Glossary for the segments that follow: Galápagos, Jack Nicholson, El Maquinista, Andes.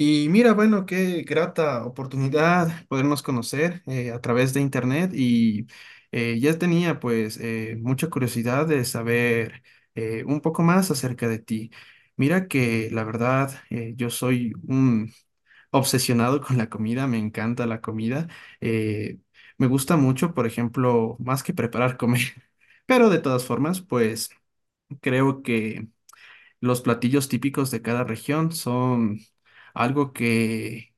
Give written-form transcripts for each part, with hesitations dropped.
Y mira, bueno, qué grata oportunidad podernos conocer a través de internet y ya tenía pues mucha curiosidad de saber un poco más acerca de ti. Mira que la verdad yo soy un obsesionado con la comida, me encanta la comida. eh, Me gusta mucho, por ejemplo, más que preparar comer, pero de todas formas pues creo que los platillos típicos de cada región son algo que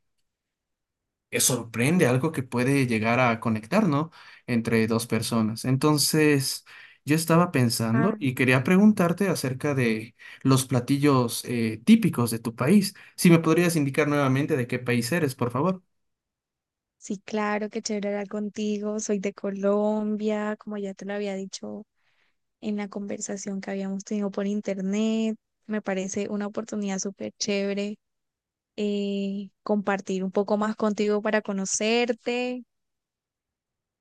sorprende, algo que puede llegar a conectar, ¿no? Entre dos personas. Entonces, yo estaba pensando Ah, y quería preguntarte acerca de los platillos típicos de tu país. Si me podrías indicar nuevamente de qué país eres, por favor. sí, claro, qué chévere hablar contigo. Soy de Colombia, como ya te lo había dicho en la conversación que habíamos tenido por internet. Me parece una oportunidad súper chévere compartir un poco más contigo para conocerte.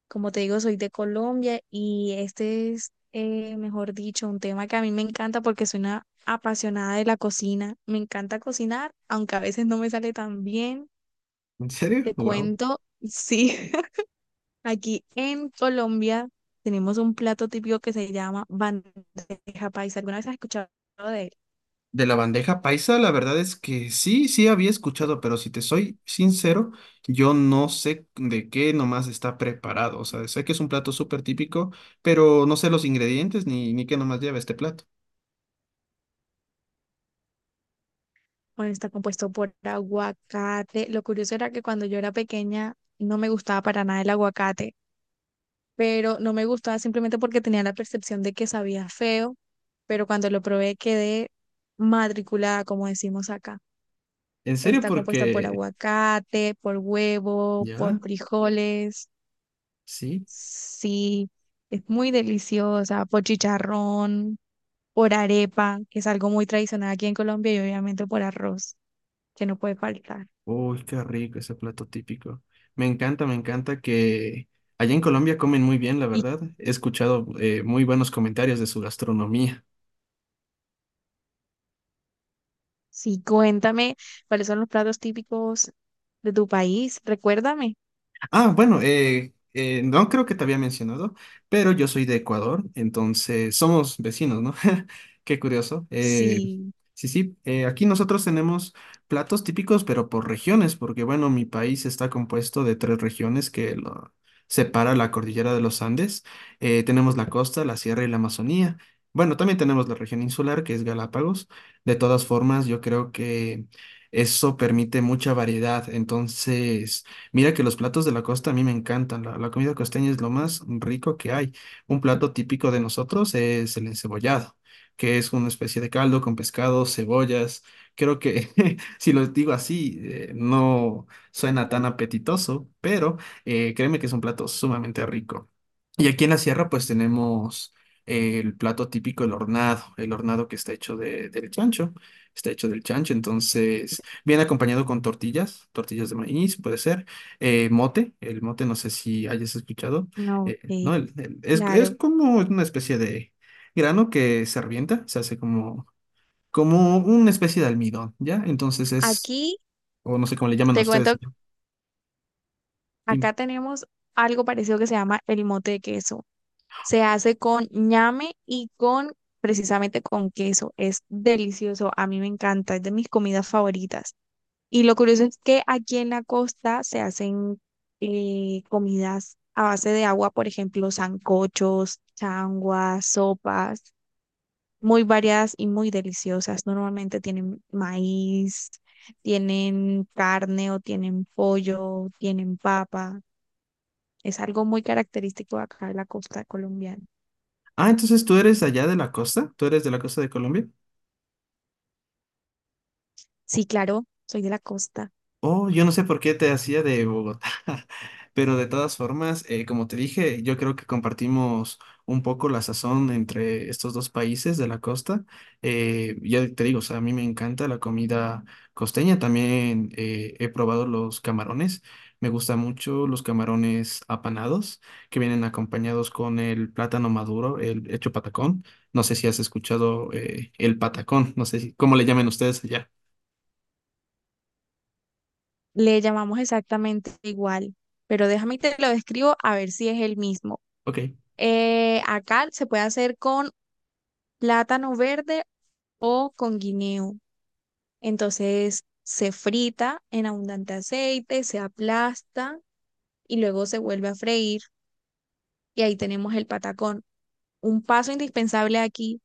Como te digo, soy de Colombia y este es, mejor dicho, un tema que a mí me encanta porque soy una apasionada de la cocina. Me encanta cocinar, aunque a veces no me sale tan bien. ¿En serio? Te Wow. cuento, sí. Aquí en Colombia tenemos un plato típico que se llama bandeja paisa. ¿Alguna vez has escuchado de él? De la bandeja paisa, la verdad es que sí, sí había escuchado, pero si te soy sincero, yo no sé de qué nomás está preparado. O sea, sé que es un plato súper típico, pero no sé los ingredientes ni qué nomás lleva este plato. Bueno, está compuesto por aguacate. Lo curioso era que cuando yo era pequeña no me gustaba para nada el aguacate, pero no me gustaba simplemente porque tenía la percepción de que sabía feo, pero cuando lo probé quedé matriculada, como decimos acá. ¿En serio? Está compuesta por Porque aguacate, por huevo, por ya, frijoles. sí. Sí, es muy deliciosa, por chicharrón, por arepa, que es algo muy tradicional aquí en Colombia, y obviamente por arroz, que no puede faltar. Uy, qué rico ese plato típico. Me encanta que allá en Colombia comen muy bien, la Y verdad. He escuchado muy buenos comentarios de su gastronomía. sí, cuéntame cuáles son los platos típicos de tu país, recuérdame. Ah, bueno, no creo que te había mencionado, pero yo soy de Ecuador, entonces somos vecinos, ¿no? Qué curioso. Sí, Sí, sí, aquí nosotros tenemos platos típicos, pero por regiones, porque bueno, mi país está compuesto de tres regiones que lo separa la cordillera de los Andes. Tenemos la costa, la sierra y la Amazonía. Bueno, también tenemos la región insular, que es Galápagos. De todas formas, yo creo que eso permite mucha variedad, entonces... Mira que los platos de la costa a mí me encantan. La comida costeña es lo más rico que hay. Un plato típico de nosotros es el encebollado, que es una especie de caldo con pescado, cebollas. Creo que si lo digo así, no suena tan apetitoso, pero créeme que es un plato sumamente rico. Y aquí en la sierra pues tenemos el plato típico, el hornado que está hecho del chancho, está hecho del chancho, entonces viene acompañado con tortillas, tortillas de maíz, puede ser mote, el mote no sé si hayas escuchado, no, ok, ¿no? Es claro. como una especie de grano que se revienta, como una especie de almidón, ¿ya? Entonces es, Aquí o no sé cómo le llaman a te ustedes. cuento, ¿No? Tim. acá tenemos algo parecido que se llama el mote de queso. Se hace con ñame y con precisamente con queso. Es delicioso, a mí me encanta, es de mis comidas favoritas. Y lo curioso es que aquí en la costa se hacen comidas a base de agua, por ejemplo, sancochos, changuas, sopas, muy variadas y muy deliciosas. Normalmente tienen maíz, tienen carne o tienen pollo, tienen papa. Es algo muy característico acá de la costa colombiana. Ah, entonces tú eres allá de la costa, tú eres de la costa de Colombia. Sí, claro, soy de la costa. Oh, yo no sé por qué te hacía de Bogotá, pero de todas formas, como te dije, yo creo que compartimos un poco la sazón entre estos dos países de la costa. Ya te digo, o sea, a mí me encanta la comida costeña, también he probado los camarones, me gustan mucho los camarones apanados, que vienen acompañados con el plátano maduro, el hecho patacón. No sé si has escuchado el patacón, no sé si, cómo le llaman ustedes allá. Le llamamos exactamente igual, pero déjame y te lo describo a ver si es el mismo. Ok. Acá se puede hacer con plátano verde o con guineo. Entonces se frita en abundante aceite, se aplasta y luego se vuelve a freír y ahí tenemos el patacón. Un paso indispensable aquí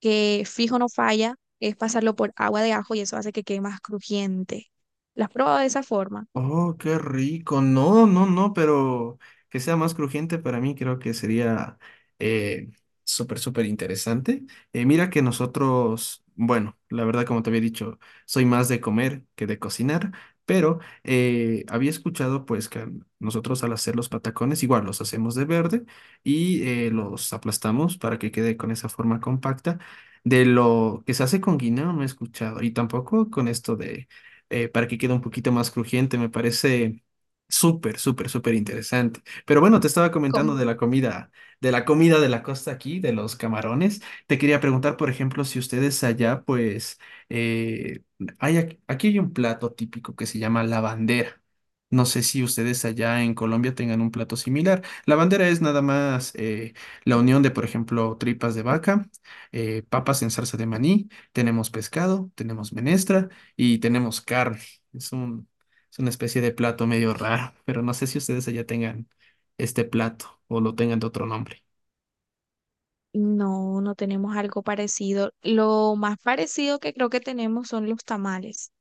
que fijo no falla es pasarlo por agua de ajo y eso hace que quede más crujiente. ¿Las has probado de esa forma? Oh, qué rico. No, no, no, pero que sea más crujiente para mí creo que sería eh, súper, súper interesante. Mira que nosotros, bueno, la verdad como te había dicho, soy más de comer que de cocinar, pero había escuchado pues que nosotros al hacer los patacones igual los hacemos de verde y los aplastamos para que quede con esa forma compacta. De lo que se hace con guineo no he escuchado y tampoco con esto para que quede un poquito más crujiente. Me parece súper, súper, súper interesante. Pero bueno, te estaba comentando de la comida, de la comida de la costa aquí, de los camarones. Te quería preguntar, por ejemplo, si ustedes allá, pues, eh, hay, aquí hay un plato típico que se llama la bandera. No sé si ustedes allá en Colombia tengan un plato similar. La bandera es nada más la unión de, por ejemplo, tripas de vaca, papas en salsa de maní, tenemos pescado, tenemos menestra y tenemos carne. Es un, es una especie de plato medio raro, pero no sé si ustedes allá tengan este plato o lo tengan de otro nombre. No, no tenemos algo parecido. Lo más parecido que creo que tenemos son los tamales.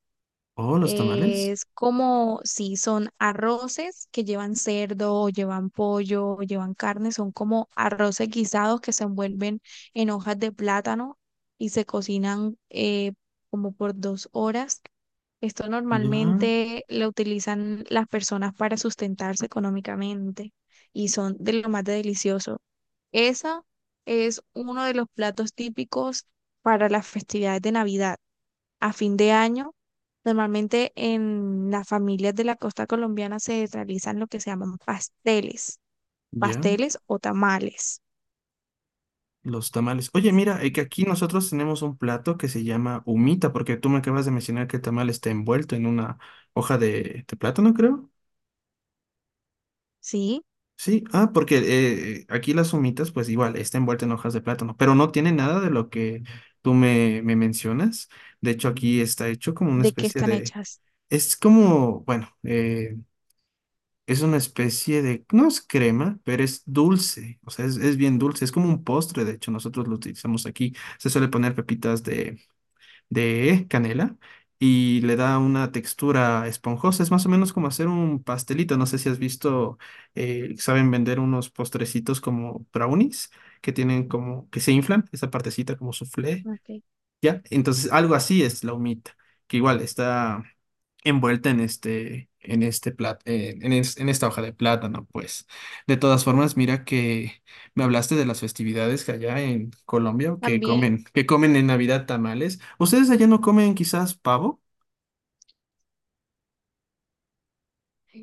Oh, los tamales. Es como, sí, son arroces que llevan cerdo o llevan pollo o llevan carne, son como arroces guisados que se envuelven en hojas de plátano y se cocinan como por 2 horas. Esto Ya, normalmente lo utilizan las personas para sustentarse económicamente y son de lo más delicioso. Esa es uno de los platos típicos para las festividades de Navidad. A fin de año, normalmente en las familias de la costa colombiana se realizan lo que se llaman pasteles, ya, pasteles o tamales, los tamales. Oye, mira, que aquí nosotros tenemos un plato que se llama humita, porque tú me acabas de mencionar que el tamal está envuelto en una hoja de plátano, creo. ¿sí? Sí, ah, porque aquí las humitas, pues igual, está envuelta en hojas de plátano, pero no tiene nada de lo que me mencionas. De hecho, aquí está hecho como una ¿De qué especie están de, hechas? es como, bueno, es una especie de, no es crema, pero es dulce, o sea, es bien dulce, es como un postre, de hecho, nosotros lo utilizamos aquí. Se suele poner pepitas de canela y le da una textura esponjosa. Es más o menos como hacer un pastelito. No sé si has visto, saben vender unos postrecitos como brownies que tienen como que se inflan, esa partecita como soufflé. Ok. Ya, entonces algo así es la humita, que igual está envuelta en este plat, en es- en esta hoja de plátano, pues. De todas formas, mira que me hablaste de las festividades que allá en Colombia También, que comen en Navidad tamales. ¿Ustedes allá no comen quizás pavo?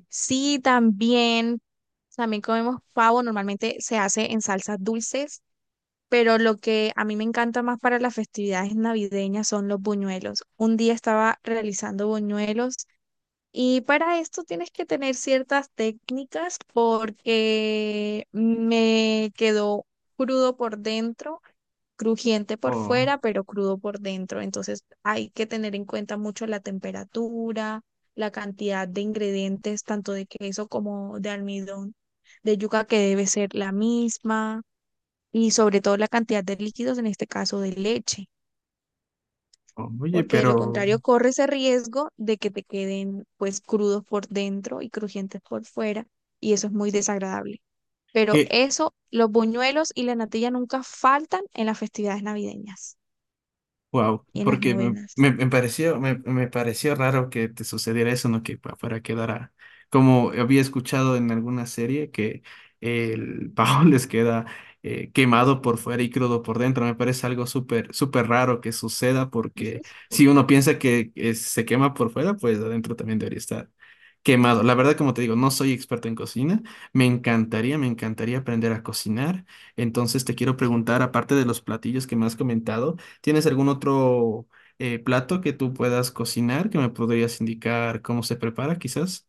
sí, también, también comemos pavo, normalmente se hace en salsas dulces, pero lo que a mí me encanta más para las festividades navideñas son los buñuelos. Un día estaba realizando buñuelos y para esto tienes que tener ciertas técnicas porque me quedó crudo por dentro, crujiente por O, fuera, pero crudo por dentro. Entonces hay que tener en cuenta mucho la temperatura, la cantidad de ingredientes, tanto de queso como de almidón, de yuca que debe ser la misma, y sobre todo la cantidad de líquidos, en este caso de leche, oye, porque de lo pero contrario corres el riesgo de que te queden pues crudos por dentro y crujientes por fuera y eso es muy desagradable. Pero eso, los buñuelos y la natilla nunca faltan en las festividades navideñas wow, y en las porque novenas. Me pareció, me pareció raro que te sucediera eso, ¿no? Para quedara, como había escuchado en alguna serie, que el pavo les queda quemado por fuera y crudo por dentro. Me parece algo súper, súper raro que suceda, Ujú. porque si uno piensa que se quema por fuera, pues adentro también debería estar quemado. La verdad, como te digo, no soy experto en cocina. Me encantaría aprender a cocinar. Entonces te quiero preguntar, aparte de los platillos que me has comentado, ¿tienes algún otro plato que tú puedas cocinar que me podrías indicar cómo se prepara, quizás?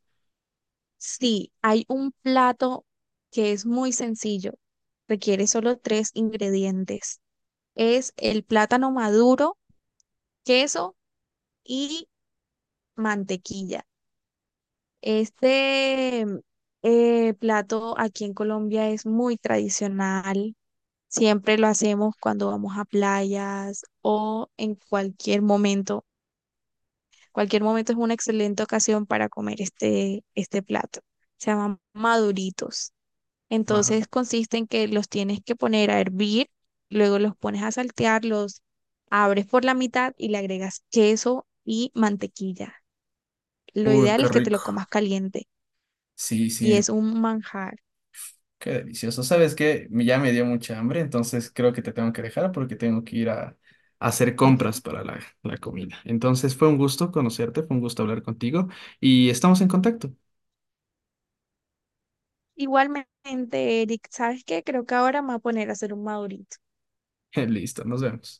Sí, hay un plato que es muy sencillo, requiere solo tres ingredientes. Es el plátano maduro, queso y mantequilla. Este plato aquí en Colombia es muy tradicional. Siempre lo hacemos cuando vamos a playas o en cualquier momento. Cualquier momento es una excelente ocasión para comer este, este plato. Se llaman maduritos. Va. Entonces consiste en que los tienes que poner a hervir, luego los pones a saltear, los abres por la mitad y le agregas queso y mantequilla. Lo Uy, ideal qué es que te rico. lo comas caliente Sí, y sí, es un manjar. qué delicioso. ¿Sabes qué? Ya me dio mucha hambre, entonces creo que te tengo que dejar porque tengo que ir a hacer compras para la comida. Entonces fue un gusto conocerte, fue un gusto hablar contigo y estamos en contacto. Igualmente, Eric, ¿sabes qué? Creo que ahora me voy a poner a hacer un madurito. Listo, nos vemos.